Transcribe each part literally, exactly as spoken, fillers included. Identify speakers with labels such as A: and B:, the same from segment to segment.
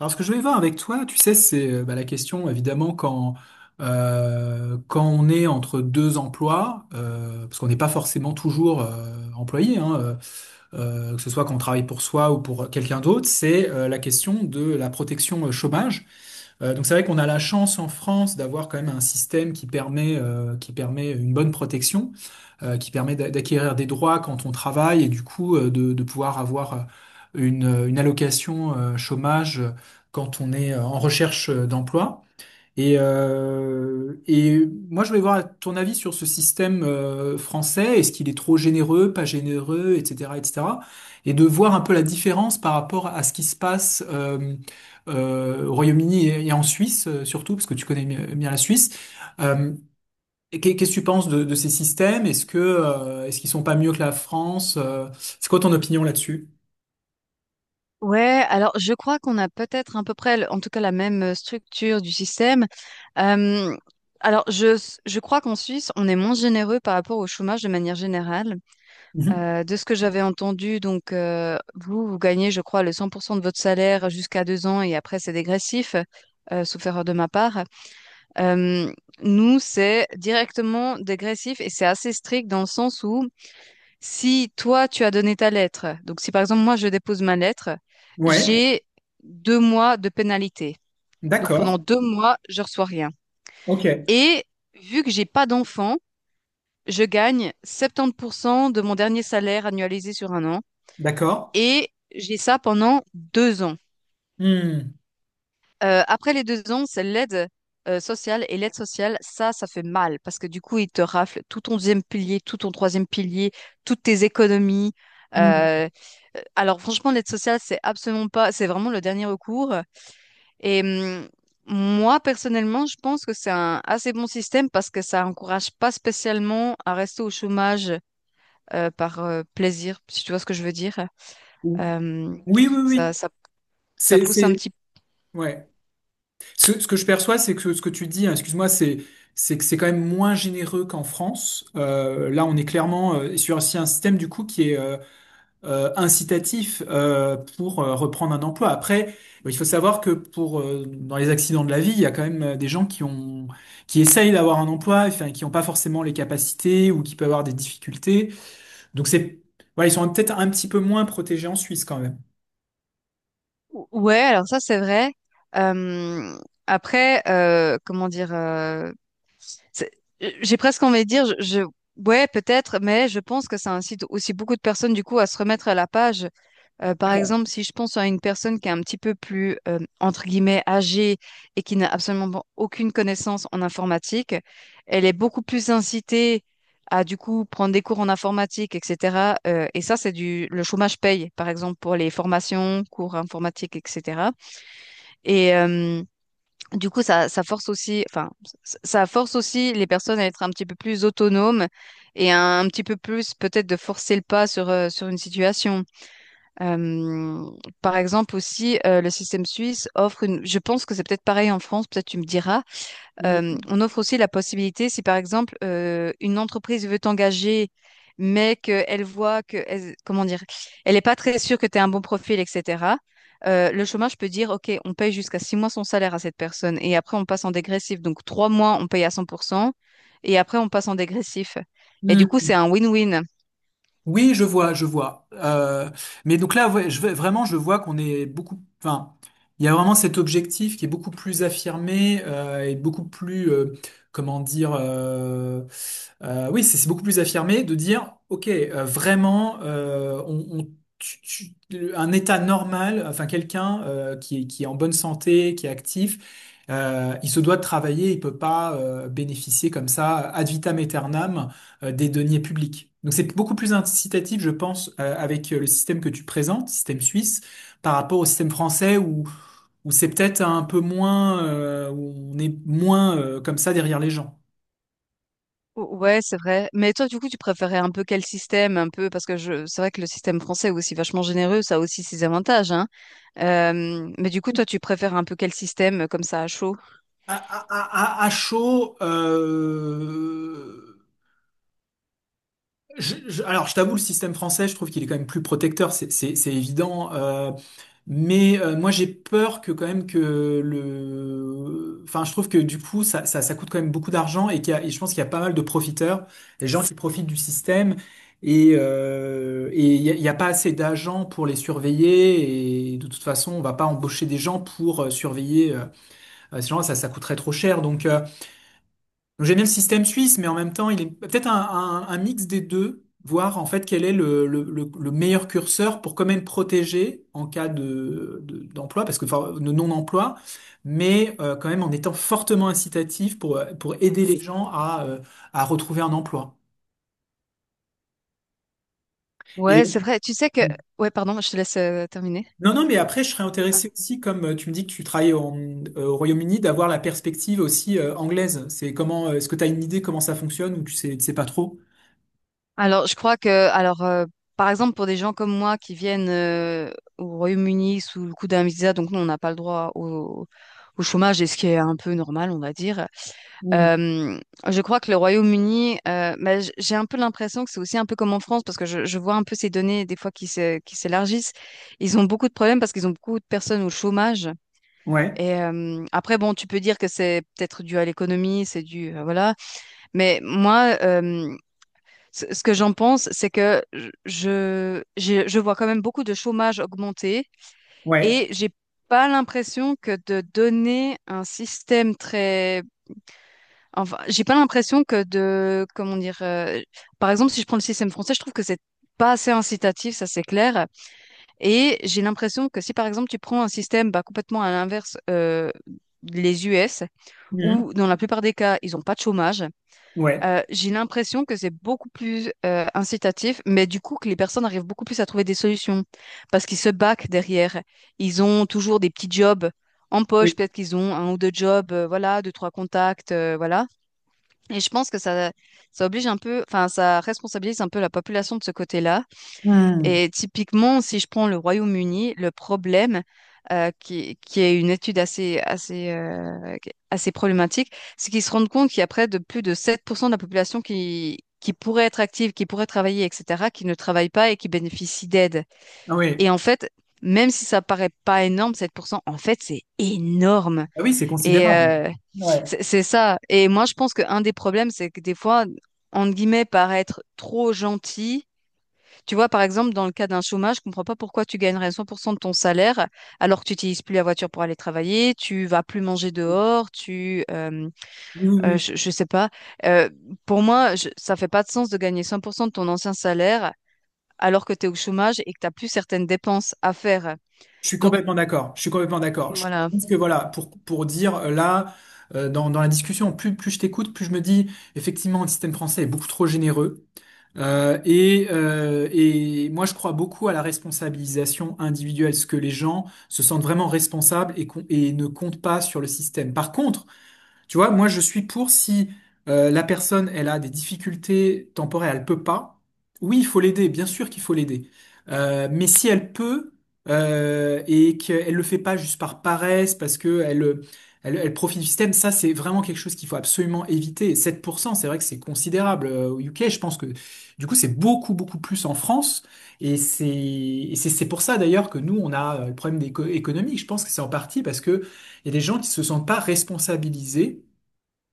A: Alors, ce que je voulais voir avec toi, tu sais, c'est euh, bah, la question, évidemment, quand, euh, quand on est entre deux emplois, euh, parce qu'on n'est pas forcément toujours euh, employé, hein, euh, euh, que ce soit quand on travaille pour soi ou pour quelqu'un d'autre, c'est euh, la question de la protection euh, chômage. Euh, donc c'est vrai qu'on a la chance en France d'avoir quand même un système qui permet, euh, qui permet une bonne protection, euh, qui permet d'a- d'acquérir des droits quand on travaille et du coup euh, de, de pouvoir avoir euh, une, une allocation euh, chômage euh, quand on est euh, en recherche euh, d'emploi. Et, euh, et moi, je voulais voir ton avis sur ce système euh, français. Est-ce qu'il est trop généreux, pas généreux, et cetera, et cetera. Et cetera. Et de voir un peu la différence par rapport à ce qui se passe euh, euh, au Royaume-Uni et, et en Suisse, euh, surtout, parce que tu connais bien bien la Suisse. Euh, et qu'est- qu'est-ce que tu penses de, de ces systèmes? Est-ce que euh, est-ce qu'ils sont pas mieux que la France? Euh, c'est quoi ton opinion là-dessus?
B: Ouais, alors je crois qu'on a peut-être à peu près, le- en tout cas, la même euh, structure du système. Euh, alors je, je crois qu'en Suisse, on est moins généreux par rapport au chômage de manière générale.
A: Mhm.
B: Euh, de ce que j'avais entendu, donc euh, vous, vous gagnez, je crois, le cent pour cent de votre salaire jusqu'à deux ans et après c'est dégressif, euh, sauf erreur de ma part. Euh, Nous, c'est directement dégressif et c'est assez strict dans le sens où si toi, tu as donné ta lettre, donc si par exemple moi, je dépose ma lettre,
A: Ouais,
B: j'ai deux mois de pénalité. Donc pendant
A: d'accord.
B: deux mois, je reçois rien.
A: Ok,
B: Et vu que j'ai pas d'enfant, je gagne septante pour cent de mon dernier salaire annualisé sur un an
A: d'accord.
B: et j'ai ça pendant deux ans.
A: Hmm.
B: Euh, après les deux ans, c'est l'aide euh, sociale. Et l'aide sociale, ça, ça fait mal parce que du coup, ils te raflent tout ton deuxième pilier, tout ton troisième pilier, toutes tes économies.
A: Hmm.
B: Euh, euh, alors franchement, l'aide sociale, c'est absolument pas, c'est vraiment le dernier recours. Et hum, moi, personnellement, je pense que c'est un assez bon système parce que ça encourage pas spécialement à rester au chômage euh, par euh, plaisir, si tu vois ce que je veux dire. Euh,
A: Oui, oui,
B: ça,
A: oui.
B: ça, Ça
A: C'est,
B: pousse un
A: c'est,
B: petit.
A: ouais. Ce, ce que je perçois, c'est que ce que tu dis, hein, excuse-moi, c'est, c'est que c'est quand même moins généreux qu'en France. Euh, là, on est clairement euh, sur aussi un système du coup qui est euh, euh, incitatif euh, pour euh, reprendre un emploi. Après, il faut savoir que pour euh, dans les accidents de la vie, il y a quand même euh, des gens qui ont, qui essayent d'avoir un emploi, enfin, qui n'ont pas forcément les capacités ou qui peuvent avoir des difficultés. Donc c'est, voilà, ils sont peut-être un petit peu moins protégés en Suisse quand même.
B: Ou- Ouais, alors ça c'est vrai. Euh, après, euh, comment dire, euh, c'est- j'ai presque envie de dire, je, je- ouais peut-être, mais je pense que ça incite aussi beaucoup de personnes du coup à se remettre à la page. Euh, par
A: D'accord.
B: exemple, si je pense à une personne qui est un petit peu plus euh, entre guillemets âgée et qui n'a absolument pas- aucune connaissance en informatique, elle est beaucoup plus incitée à du coup prendre des cours en informatique, et cetera. Euh, et ça c'est du le chômage paye par exemple pour les formations, cours informatiques, et cetera. Et euh, du coup, ça, ça force aussi, enfin, ça ça force aussi les personnes à être un petit peu plus autonomes et un, un petit peu plus peut-être de forcer le pas sur, euh, sur une situation. Euh, Par exemple aussi, euh, le système suisse offre une, je pense que c'est peut-être pareil en France, peut-être tu me diras, euh, on offre aussi la possibilité, si par exemple euh, une entreprise veut t'engager, mais qu'elle voit que, elle- comment dire, elle n'est pas très sûre que tu as un bon profil, et cetera euh, Le chômage peut dire, OK, on paye jusqu'à six mois son salaire à cette personne et après on passe en dégressif. Donc trois mois, on paye à cent pour cent et après on passe en dégressif. Et du coup, c'est un win-win.
A: Oui, je vois, je vois. Euh, mais donc là, ouais, je, vais- vraiment, je vois qu'on est beaucoup. Enfin, il y a vraiment cet objectif qui est beaucoup plus affirmé euh, et beaucoup plus, euh, comment dire, euh, euh, oui, c'est c'est beaucoup plus affirmé de dire, ok, euh, vraiment, euh, on, on- tu- tu- un état normal, enfin quelqu'un euh, qui est, qui est en bonne santé, qui est actif, euh, il se doit de travailler, il peut pas euh, bénéficier comme ça ad vitam aeternam euh, des deniers publics. Donc c'est beaucoup plus incitatif, je pense, euh, avec euh, le système que tu présentes, système suisse, par rapport au système français où, où c'est peut-être un peu moins, euh, où on est moins euh, comme ça derrière les gens.
B: Ou- Ouais, c'est vrai. Mais toi, du coup, tu préférais un peu quel système, un peu, parce que je, c'est vrai que le système français est aussi vachement généreux, ça a aussi ses avantages, hein. Euh, mais du coup, toi, tu préfères un peu quel système, euh, comme ça, à chaud?
A: À, à, à, à chaud, euh, je- je- alors je t'avoue, le système français, je trouve qu'il est quand même plus protecteur, c'est c'est- c'est évident. Euh, Mais euh, moi j'ai peur que quand même que le, enfin je trouve que du coup ça, ça, ça coûte quand même beaucoup d'argent et, qu'il y a- et je pense qu'il y a pas mal de profiteurs, des gens qui profitent du système et euh, et il y a, il y a pas assez d'agents pour les surveiller et de toute façon on va pas embaucher des gens pour euh, surveiller euh, ces gens ça ça coûterait trop cher donc. euh, donc, J'aime bien le système suisse, mais en même temps, il est peut-être un, un- un mix des deux, voir en fait quel est le, le- le- le meilleur curseur pour quand même protéger en cas de, de- d'emploi, parce que enfin, de non-emploi, mais euh, quand même en étant fortement incitatif pour, euh, pour aider les gens à, euh, à retrouver un emploi.
B: Ouais, c'est
A: Et
B: vrai. Tu sais que, ouais, pardon, je te laisse euh, terminer.
A: non, non, mais après, je serais intéressé aussi, comme euh, tu me dis que tu travailles en- euh, au Royaume-Uni, d'avoir la perspective aussi euh, anglaise. C'est comment, euh, est-ce que tu as une idée comment ça fonctionne ou tu sais, tu sais pas trop?
B: Alors, je crois que, alors, euh, par exemple, pour des gens comme moi qui viennent euh, au Royaume-Uni sous le coup d'un visa, donc nous, on n'a pas le droit au, au chômage, et ce qui est un peu normal, on va dire.
A: Mm.
B: Euh, je crois que le Royaume-Uni, euh, bah, j- j'ai un peu l'impression que c'est aussi un peu comme en France, parce que je, je vois un peu ces données des fois qui se, qui s'élargissent. Ils ont beaucoup de problèmes parce qu'ils ont beaucoup de personnes au chômage.
A: Ouais,
B: Et euh, après, bon, tu peux dire que c'est peut-être dû à l'économie, c'est dû, euh, voilà. Mais moi, euh, ce ce que j'en pense, c'est que je, je, je vois quand même beaucoup de chômage augmenter et
A: ouais.
B: j'ai pas l'impression que de donner un système très... Enfin, j'ai pas l'impression que de... Comment dire... euh, Par exemple, si je prends le système français, je trouve que c'est pas assez incitatif, ça c'est clair. Et j'ai l'impression que si par exemple tu prends un système bah, complètement à l'inverse, euh, les U S, où dans la plupart des cas, ils ont pas de chômage,
A: Ouais.
B: euh, j'ai l'impression que c'est beaucoup plus euh, incitatif, mais du coup que les personnes arrivent beaucoup plus à trouver des solutions parce qu'ils se baquent derrière. Ils ont toujours des petits jobs en poche,
A: Oui.
B: peut-être qu'ils ont un ou deux jobs, euh, voilà, deux, trois contacts, euh, voilà. Et je pense que ça, ça oblige un peu, enfin, ça responsabilise un peu la population de ce côté-là.
A: Hmm.
B: Et typiquement, si je prends le Royaume-Uni, le problème, euh, qui, qui est une étude assez, assez, euh, qui- assez problématique, c'est qu'ils se rendent compte qu'il y a près de plus de sept pour cent de la population qui, qui pourrait être active, qui pourrait travailler, et cetera, qui ne travaille pas et qui bénéficie d'aide.
A: Ah oui.
B: Et en fait, même si ça paraît pas énorme, sept pour cent, en fait, c'est énorme.
A: Ah oui, c'est
B: Et
A: considérable.
B: euh,
A: Ouais.
B: c'est c'est ça. Et moi, je pense qu'un des problèmes, c'est que des fois, entre guillemets, paraître trop gentil tu vois, par exemple, dans le cas d'un chômage, je comprends pas pourquoi tu gagnerais cent pour cent de ton salaire alors que tu n'utilises plus la voiture pour aller travailler, tu vas plus manger dehors, tu, euh,
A: Oui, oui,
B: euh,
A: oui.
B: je, je sais pas. Euh, pour moi, je- ça fait pas de sens de gagner cent pour cent de ton ancien salaire alors que tu es au chômage et que t'as plus certaines dépenses à faire.
A: Je suis
B: Donc
A: complètement d'accord. Je suis complètement d'accord. Je
B: voilà,
A: pense que voilà, pour, pour dire euh, là, euh, dans, dans la discussion, plus, plus je t'écoute, plus je me dis, effectivement, le système français est beaucoup trop généreux. Euh, et, euh, et moi, je crois beaucoup à la responsabilisation individuelle, ce que les gens se sentent vraiment responsables et, qu'on- et ne comptent pas sur le système. Par contre, tu vois, moi je suis pour si euh, la personne elle a des difficultés temporaires, elle peut pas. Oui, il faut l'aider, bien sûr qu'il faut l'aider. Euh, mais si elle peut euh, et qu'elle le fait pas juste par paresse, parce que elle, euh, elle, elle profite du système, ça c'est vraiment quelque chose qu'il faut absolument éviter. Et sept pour cent, c'est vrai que c'est considérable. Euh, Au U K, je pense que du coup c'est beaucoup beaucoup plus en France. Et c'est et c'est c'est pour ça d'ailleurs que nous on a euh, le problème d'éco- économique. Je pense que c'est en partie parce que il y a des gens qui se sentent pas responsabilisés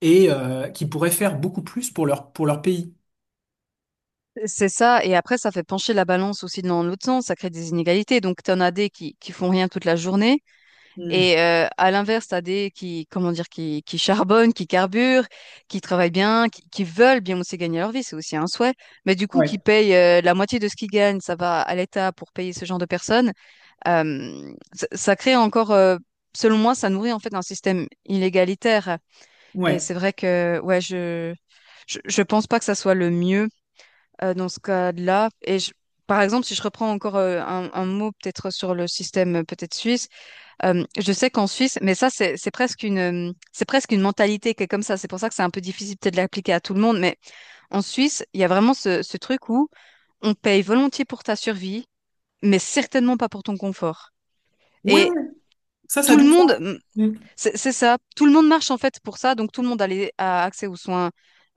A: et euh, qui pourraient faire beaucoup plus pour leur, pour leur pays.
B: c'est ça. Et après, ça fait pencher la balance aussi dans l'autre sens, ça crée des inégalités. Donc, tu en as des qui, qui font rien toute la journée.
A: Hmm.
B: Et euh, à l'inverse, t'as des qui, comment dire, qui, qui charbonnent, qui carburent, qui travaillent bien, qui, qui veulent bien aussi gagner leur vie, c'est aussi un souhait. Mais du coup, qui
A: Ouais,
B: payent euh, la moitié de ce qu'ils gagnent, ça va à l'État pour payer ce genre de personnes. Euh, ça, ça crée encore, euh, selon moi, ça nourrit en fait un système inégalitaire. Et
A: ouais.
B: c'est vrai que, ouais, je, je, je pense pas que ça soit le mieux euh, dans ce cas-là. Et je- par exemple, si je reprends encore euh, un, un mot peut-être sur le système euh, peut-être suisse. Euh, je sais qu'en Suisse, mais ça, c'est c'est presque une, euh, c'est presque une mentalité qui est comme ça. C'est pour ça que c'est un peu difficile peut-être de l'appliquer à tout le monde. Mais en Suisse, il y a vraiment ce, ce truc où on paye volontiers pour ta survie, mais certainement pas pour ton confort.
A: Ouais, ouais.
B: Et
A: ça, ça a
B: tout
A: du
B: le
A: sens.
B: monde,
A: Mm.
B: c'est c'est ça. Tout le monde marche en fait pour ça, donc tout le monde a, les- a accès aux soins,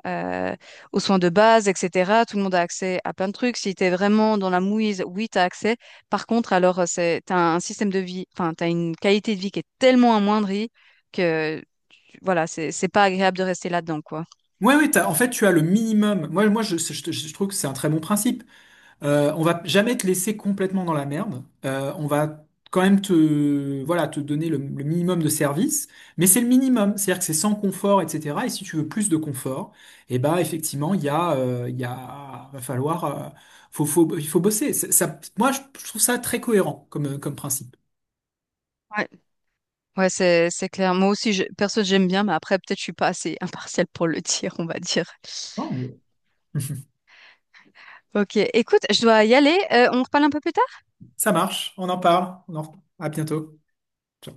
B: euh, aux soins de base, et cetera. Tout le monde a accès à plein de trucs. Si tu es vraiment dans la mouise, oui, tu as accès. Par contre, alors, euh, c'est, t'as un système de vie, enfin, tu as une qualité de vie qui est tellement amoindrie que, tu- voilà, c'est c'est pas agréable de rester là-dedans, quoi.
A: Ouais, ouais, t'as- en fait, tu as le minimum. Moi, moi je, je- je trouve que c'est un très bon principe. Euh, on va jamais te laisser complètement dans la merde. Euh, on va quand même te, voilà, te donner le, le minimum de service, mais c'est le minimum, c'est-à-dire que c'est sans confort, et cetera. Et si tu veux plus de confort, eh ben effectivement, il y a, euh, il y a, va falloir, euh, faut, faut, il faut bosser. C'est- Ça, moi, je je trouve ça très cohérent comme, comme principe.
B: Ouais. Ouais, c'est c'est clair. Moi aussi, je, perso, j'aime bien, mais après, peut-être je suis pas assez impartiale pour le dire, on va dire.
A: Oh, mais-
B: Ok, écoute, je dois y aller. Euh, on reparle un peu plus tard?
A: Ça marche, on en parle. On en... À bientôt. Ciao.